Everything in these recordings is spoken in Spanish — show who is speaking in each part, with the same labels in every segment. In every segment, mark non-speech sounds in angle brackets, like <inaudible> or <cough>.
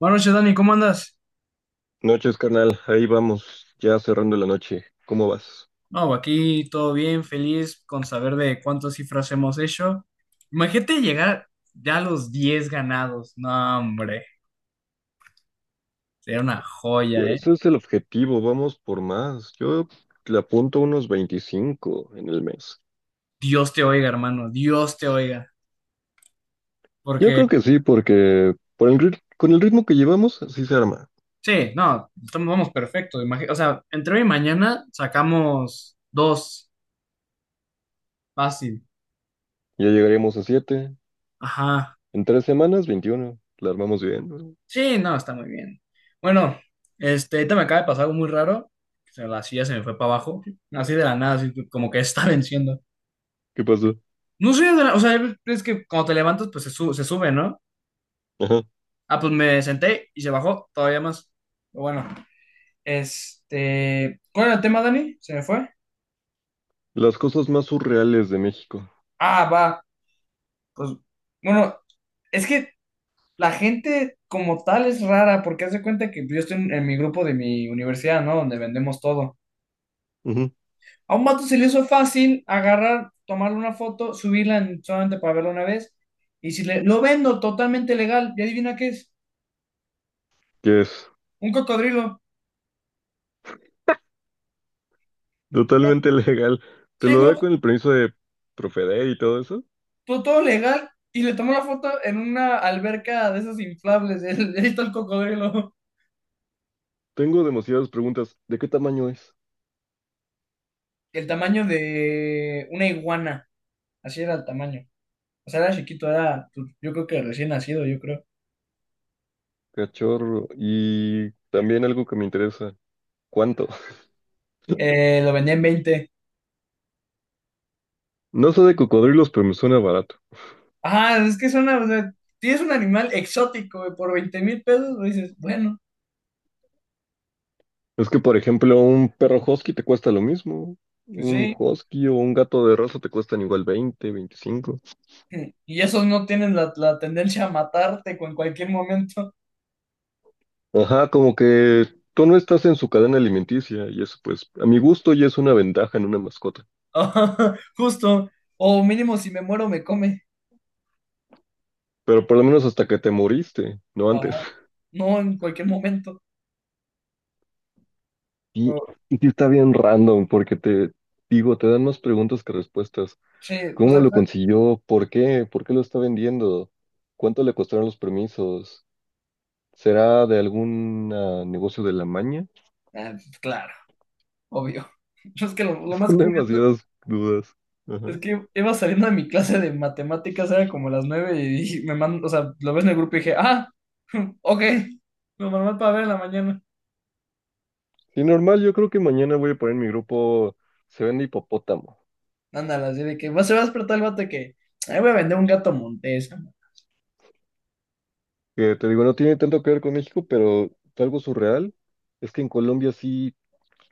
Speaker 1: Buenas noches, Dani, ¿cómo andas?
Speaker 2: Noches, carnal. Ahí vamos, ya cerrando la noche. ¿Cómo vas?
Speaker 1: No, aquí todo bien, feliz con saber de cuántas cifras hemos hecho. Imagínate llegar ya a los 10 ganados. No, hombre, sería una joya,
Speaker 2: Pues
Speaker 1: ¿eh?
Speaker 2: ese es el objetivo, vamos por más. Yo le apunto unos 25 en el mes.
Speaker 1: Dios te oiga, hermano, Dios te oiga.
Speaker 2: Yo
Speaker 1: Porque
Speaker 2: creo que sí, porque con el ritmo que llevamos, sí se arma.
Speaker 1: sí, no, vamos perfecto. O sea, entre hoy y mañana sacamos dos, fácil.
Speaker 2: Ya llegaríamos a 7.
Speaker 1: Ajá.
Speaker 2: En 3 semanas, 21. La armamos bien.
Speaker 1: Sí, no, está muy bien. Bueno, este, ahorita me acaba de pasar algo muy raro. La silla se me fue para abajo, así de la nada, así como que está <laughs> venciendo.
Speaker 2: ¿Qué pasó?
Speaker 1: No sé, o sea, es que cuando te levantas, pues se sube, ¿no?
Speaker 2: Ajá.
Speaker 1: Ah, pues me senté y se bajó todavía más. Pero bueno, este, ¿cuál era el tema, Dani? Se me fue.
Speaker 2: Las cosas más surreales de México.
Speaker 1: Ah, va, pues, bueno, es que la gente como tal es rara, porque hace cuenta que yo estoy en mi grupo de mi universidad, ¿no? Donde vendemos todo.
Speaker 2: Ujú.
Speaker 1: A un vato se le hizo fácil agarrar, tomarle una foto, solamente para verla una vez. Y si lo vendo totalmente legal, y adivina qué es,
Speaker 2: Que es
Speaker 1: un cocodrilo.
Speaker 2: totalmente <laughs> legal. Te
Speaker 1: Sí,
Speaker 2: lo da
Speaker 1: no,
Speaker 2: con el permiso de Profeder y todo eso.
Speaker 1: todo, todo legal. Y le tomó la foto en una alberca de esas inflables. <laughs> Ahí está el cocodrilo.
Speaker 2: Tengo demasiadas preguntas. ¿De qué tamaño es?
Speaker 1: El tamaño de una iguana. Así era el tamaño. O sea, era chiquito, pues, yo creo que recién nacido, yo creo.
Speaker 2: Cachorro. Y también algo que me interesa. ¿Cuánto? <laughs>
Speaker 1: Lo vendía en 20.
Speaker 2: No sé de cocodrilos, pero me suena barato.
Speaker 1: Ajá, es que es una, o sea, tienes un animal exótico, güey, por 20,000 pesos, pues dices, bueno.
Speaker 2: Es que, por ejemplo, un perro husky te cuesta lo mismo.
Speaker 1: Pues
Speaker 2: Un
Speaker 1: sí,
Speaker 2: husky o un gato de raza te cuestan igual 20, 25.
Speaker 1: y esos no tienen la tendencia a matarte con cualquier momento.
Speaker 2: Ajá, como que tú no estás en su cadena alimenticia y eso, pues, a mi gusto ya es una ventaja en una mascota.
Speaker 1: <laughs> Ajá, justo. O mínimo si me muero me come.
Speaker 2: Pero por lo menos hasta que te moriste, no antes.
Speaker 1: Ajá,
Speaker 2: <laughs>
Speaker 1: no en cualquier momento.
Speaker 2: Y,
Speaker 1: O-
Speaker 2: y sí está bien random porque te digo, te dan más preguntas que respuestas.
Speaker 1: sí, o
Speaker 2: ¿Cómo
Speaker 1: sea,
Speaker 2: lo consiguió? ¿Por qué? ¿Por qué lo está vendiendo? ¿Cuánto le costaron los permisos? ¿Será de algún negocio de la maña?
Speaker 1: ah, claro, obvio. <laughs> Yo Es que lo
Speaker 2: <laughs>
Speaker 1: más
Speaker 2: Son
Speaker 1: curioso
Speaker 2: demasiadas dudas.
Speaker 1: es
Speaker 2: Ajá.
Speaker 1: que iba saliendo de mi clase de matemáticas, era como las 9 y me mando, o sea, lo ves en el grupo y dije, ah, <laughs> ok, lo normal para ver en la mañana.
Speaker 2: Sí, normal, yo creo que mañana voy a poner en mi grupo: Se vende hipopótamo.
Speaker 1: Ándala, así de que se va a despertar el vato de que, ahí voy a vender un gato montés".
Speaker 2: Que te digo, no tiene tanto que ver con México, pero algo surreal es que en Colombia sí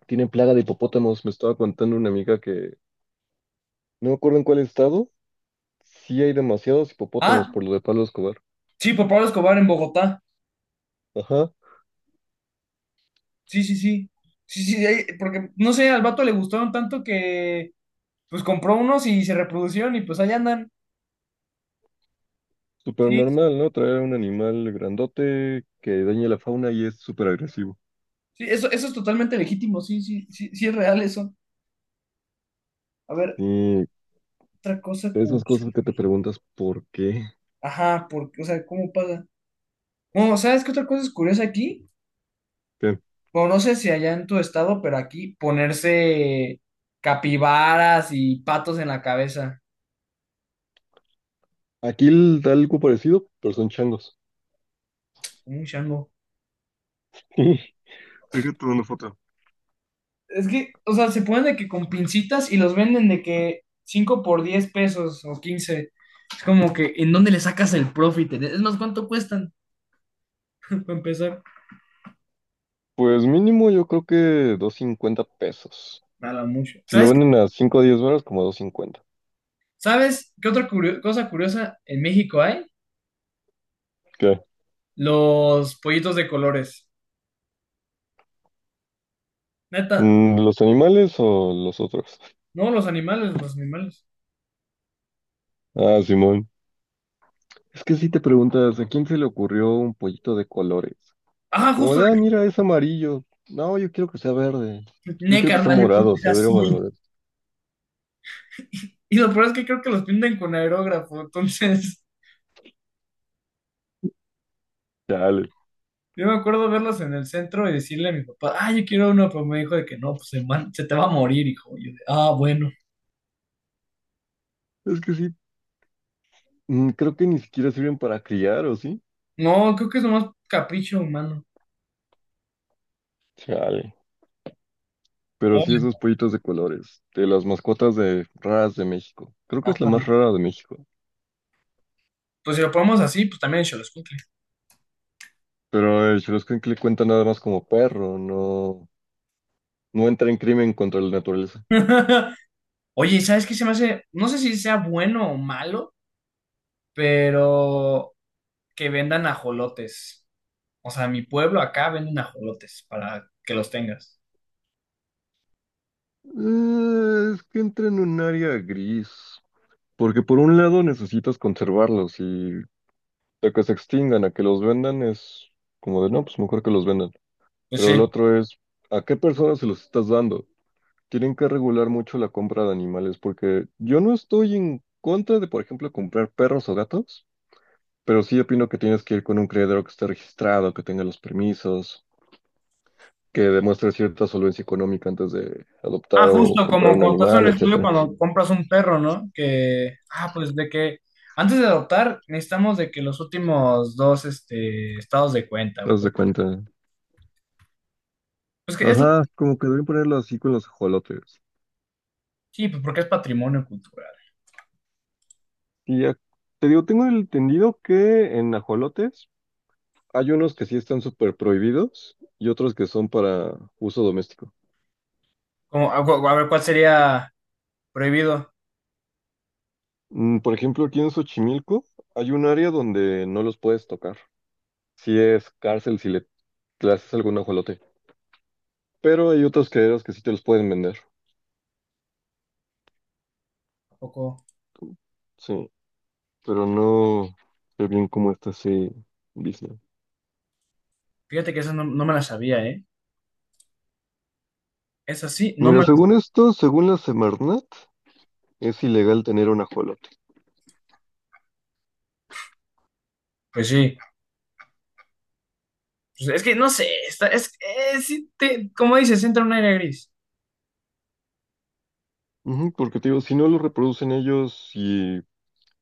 Speaker 2: tienen plaga de hipopótamos. Me estaba contando una amiga que no me acuerdo en cuál estado, sí hay demasiados hipopótamos
Speaker 1: Ah,
Speaker 2: por lo de Pablo Escobar.
Speaker 1: sí, por Pablo Escobar en Bogotá.
Speaker 2: Ajá.
Speaker 1: Sí, sí, sí. Sí, sí, porque no sé, al vato le gustaron tanto que pues compró unos y se reproducieron y pues allá andan.
Speaker 2: Súper
Speaker 1: Sí,
Speaker 2: normal, ¿no? Traer un animal grandote que dañe la fauna y es súper agresivo.
Speaker 1: sí, eso es totalmente legítimo, sí, sí, sí, sí es real eso. A ver,
Speaker 2: Y
Speaker 1: otra cosa
Speaker 2: esas
Speaker 1: curiosa.
Speaker 2: cosas que te preguntas por qué.
Speaker 1: Ajá, porque, o sea, ¿cómo pasa? Bueno, ¿sabes qué otra cosa es curiosa aquí?
Speaker 2: Bien.
Speaker 1: Bueno, no sé si allá en tu estado, pero aquí ponerse capibaras y patos en la cabeza.
Speaker 2: Aquí da algo parecido, pero son changos.
Speaker 1: Un chango.
Speaker 2: <laughs> Fíjate una foto.
Speaker 1: Es que, o sea, se ponen de que con pincitas y los venden de que 5 por 10 pesos o 15. Es como que, ¿en dónde le sacas el profit? Es más, ¿cuánto cuestan? <laughs> Para empezar,
Speaker 2: Pues mínimo yo creo que 250 pesos.
Speaker 1: nada mucho.
Speaker 2: Si lo venden a 5 o 10 varos, como 250.
Speaker 1: ¿Sabes qué otra cosa curiosa en México hay?
Speaker 2: ¿Qué?
Speaker 1: Los pollitos de colores. Neta,
Speaker 2: ¿Los animales o los otros?
Speaker 1: no, los animales, los animales.
Speaker 2: Ah, Simón. Es que si te preguntas, ¿a quién se le ocurrió un pollito de colores?
Speaker 1: Ah,
Speaker 2: Como
Speaker 1: justo
Speaker 2: de, ah,
Speaker 1: de
Speaker 2: mira, es amarillo. No, yo quiero que sea verde.
Speaker 1: que,
Speaker 2: Yo
Speaker 1: ne,
Speaker 2: quiero que sea
Speaker 1: carnal, yo
Speaker 2: morado,
Speaker 1: puse
Speaker 2: se ve
Speaker 1: azul.
Speaker 2: mal.
Speaker 1: <laughs> Y lo peor es que creo que los pintan con aerógrafo, entonces.
Speaker 2: Chale.
Speaker 1: Yo me acuerdo verlos en el centro y decirle a mi papá, ah, yo quiero uno, pero me dijo de que no, pues hermano se te va a morir, hijo. Y yo de, ah, bueno.
Speaker 2: Es que sí, creo que ni siquiera sirven para criar, ¿o sí?
Speaker 1: No, creo que es nomás capricho humano.
Speaker 2: Chale. Pero sí,
Speaker 1: Oye,
Speaker 2: esos pollitos de colores, de las mascotas de raras de México. Creo que es la más
Speaker 1: ajá.
Speaker 2: rara de México.
Speaker 1: Pues si lo ponemos así, pues también Xoloescuincle.
Speaker 2: Pero el le cuenta nada más como perro, no, no entra en crimen contra la naturaleza.
Speaker 1: <laughs> Oye, ¿sabes qué se me hace? No sé si sea bueno o malo, pero que vendan ajolotes. O sea, en mi pueblo acá venden ajolotes para que los tengas.
Speaker 2: Es que entra en un área gris. Porque por un lado necesitas conservarlos y sea, que se extingan, a que los vendan es como de, no, pues mejor que los vendan.
Speaker 1: Pues
Speaker 2: Pero el
Speaker 1: sí.
Speaker 2: otro es, ¿a qué personas se los estás dando? Tienen que regular mucho la compra de animales porque yo no estoy en contra de, por ejemplo, comprar perros o gatos, pero sí opino que tienes que ir con un criadero que esté registrado, que tenga los permisos, que demuestre cierta solvencia económica antes de
Speaker 1: Ah,
Speaker 2: adoptar o
Speaker 1: justo,
Speaker 2: comprar
Speaker 1: como
Speaker 2: un
Speaker 1: cuando estás en
Speaker 2: animal,
Speaker 1: un estudio
Speaker 2: etcétera.
Speaker 1: cuando compras un perro, ¿no? Que, ah, pues de que antes de adoptar necesitamos de que los últimos dos, este, estados de
Speaker 2: ¿Te
Speaker 1: cuenta.
Speaker 2: das
Speaker 1: Pues,
Speaker 2: de cuenta?
Speaker 1: pues que es,
Speaker 2: Ajá, como que deben ponerlo así con los ajolotes.
Speaker 1: sí, pues porque es patrimonio cultural.
Speaker 2: Y ya, te digo, tengo entendido que en ajolotes hay unos que sí están súper prohibidos y otros que son para uso doméstico.
Speaker 1: Como, a ver, ¿cuál sería prohibido?
Speaker 2: Por ejemplo, aquí en Xochimilco hay un área donde no los puedes tocar. Si es cárcel, si le haces algún ajolote. Pero hay otros criaderos que sí te los pueden vender.
Speaker 1: ¿A poco?
Speaker 2: Sí, pero no sé bien cómo está ese business.
Speaker 1: Fíjate que esa no, no me la sabía, ¿eh? Esa sí, no me
Speaker 2: Mira, según
Speaker 1: la...
Speaker 2: esto, según la Semarnat, es ilegal tener un ajolote.
Speaker 1: Pues sí, pues es que no sé, está, es, como dices, entra un aire gris.
Speaker 2: Ujú, porque te digo, si no lo reproducen ellos y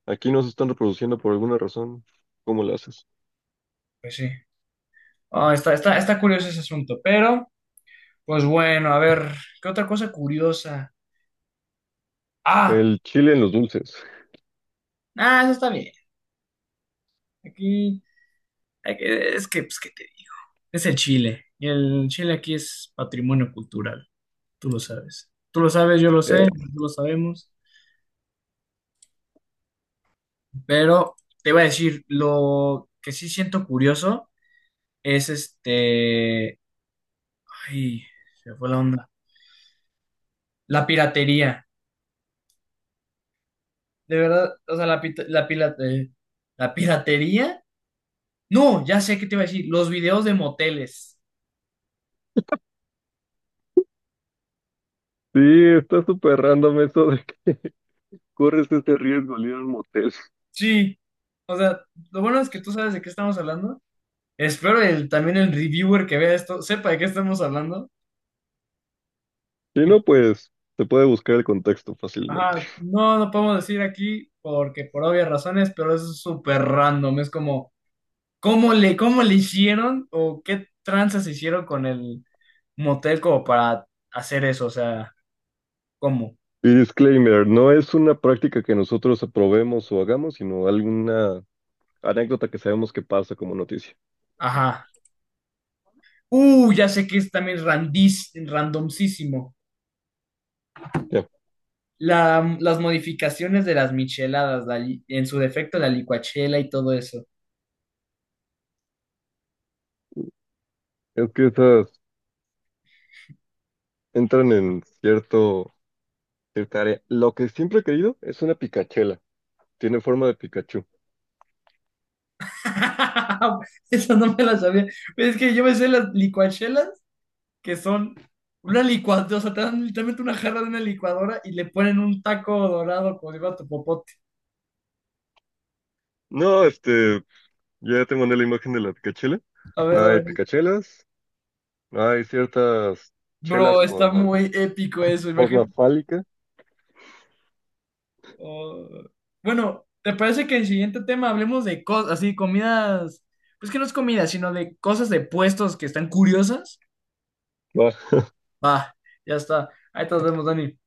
Speaker 2: aquí no se están reproduciendo por alguna razón, ¿cómo lo haces?
Speaker 1: Pues sí. Ah, está, está, está curioso ese asunto, pero, pues bueno, a ver, ¿qué otra cosa curiosa? Ah,
Speaker 2: El chile en los dulces.
Speaker 1: ah, eso está bien. Aquí, es que, pues, ¿qué te digo? Es el Chile. Y el Chile aquí es patrimonio cultural. Tú lo sabes. Tú lo sabes, yo lo sé,
Speaker 2: Eh,
Speaker 1: tú lo sabemos. Pero te voy a decir, lo que sí siento curioso es este. Ay, se me fue la onda. La piratería. De verdad, o sea, la, pita- la, pila- la piratería. No, ya sé qué te iba a decir. Los videos de moteles.
Speaker 2: Sí, está súper random eso de que corres ese riesgo al ir a un motel.
Speaker 1: Sí. O sea, lo bueno es que tú sabes de qué estamos hablando. Espero también el reviewer que vea esto sepa de qué estamos hablando.
Speaker 2: Si
Speaker 1: Y,
Speaker 2: no, pues se puede buscar el contexto fácilmente.
Speaker 1: ajá, no, no podemos decir aquí porque por obvias razones, pero es súper random. Es como, ¿cómo le hicieron o qué tranzas hicieron con el motel como para hacer eso? O sea, ¿cómo?
Speaker 2: Y disclaimer, no es una práctica que nosotros aprobemos o hagamos, sino alguna anécdota que sabemos que pasa como noticia.
Speaker 1: Ajá. Ya sé que es también randis, randomísimo.
Speaker 2: Ya.
Speaker 1: La, las modificaciones de las micheladas, en su defecto la licuachela y todo eso.
Speaker 2: Es que esas entran en cierta área. Lo que siempre he querido es una picachela. Tiene forma de Pikachu.
Speaker 1: <laughs> esa no me la sabía. Es que yo me sé las licuachelas, que son una licuadora, o sea, te dan literalmente una jarra de una licuadora y le ponen un taco dorado como digo a tu popote.
Speaker 2: No, ya te mandé la imagen de la picachela.
Speaker 1: A ver, a
Speaker 2: Hay
Speaker 1: ver.
Speaker 2: picachelas. Hay ciertas
Speaker 1: Bro,
Speaker 2: chelas
Speaker 1: está
Speaker 2: con
Speaker 1: muy épico eso,
Speaker 2: forma
Speaker 1: imagínate.
Speaker 2: fálica
Speaker 1: Oh. Bueno, ¿te parece que el siguiente tema hablemos de cosas, así, comidas? Pues que no es comida, sino de cosas de puestos que están curiosas.
Speaker 2: que
Speaker 1: Va, ya está. Ahí te nos vemos, Dani.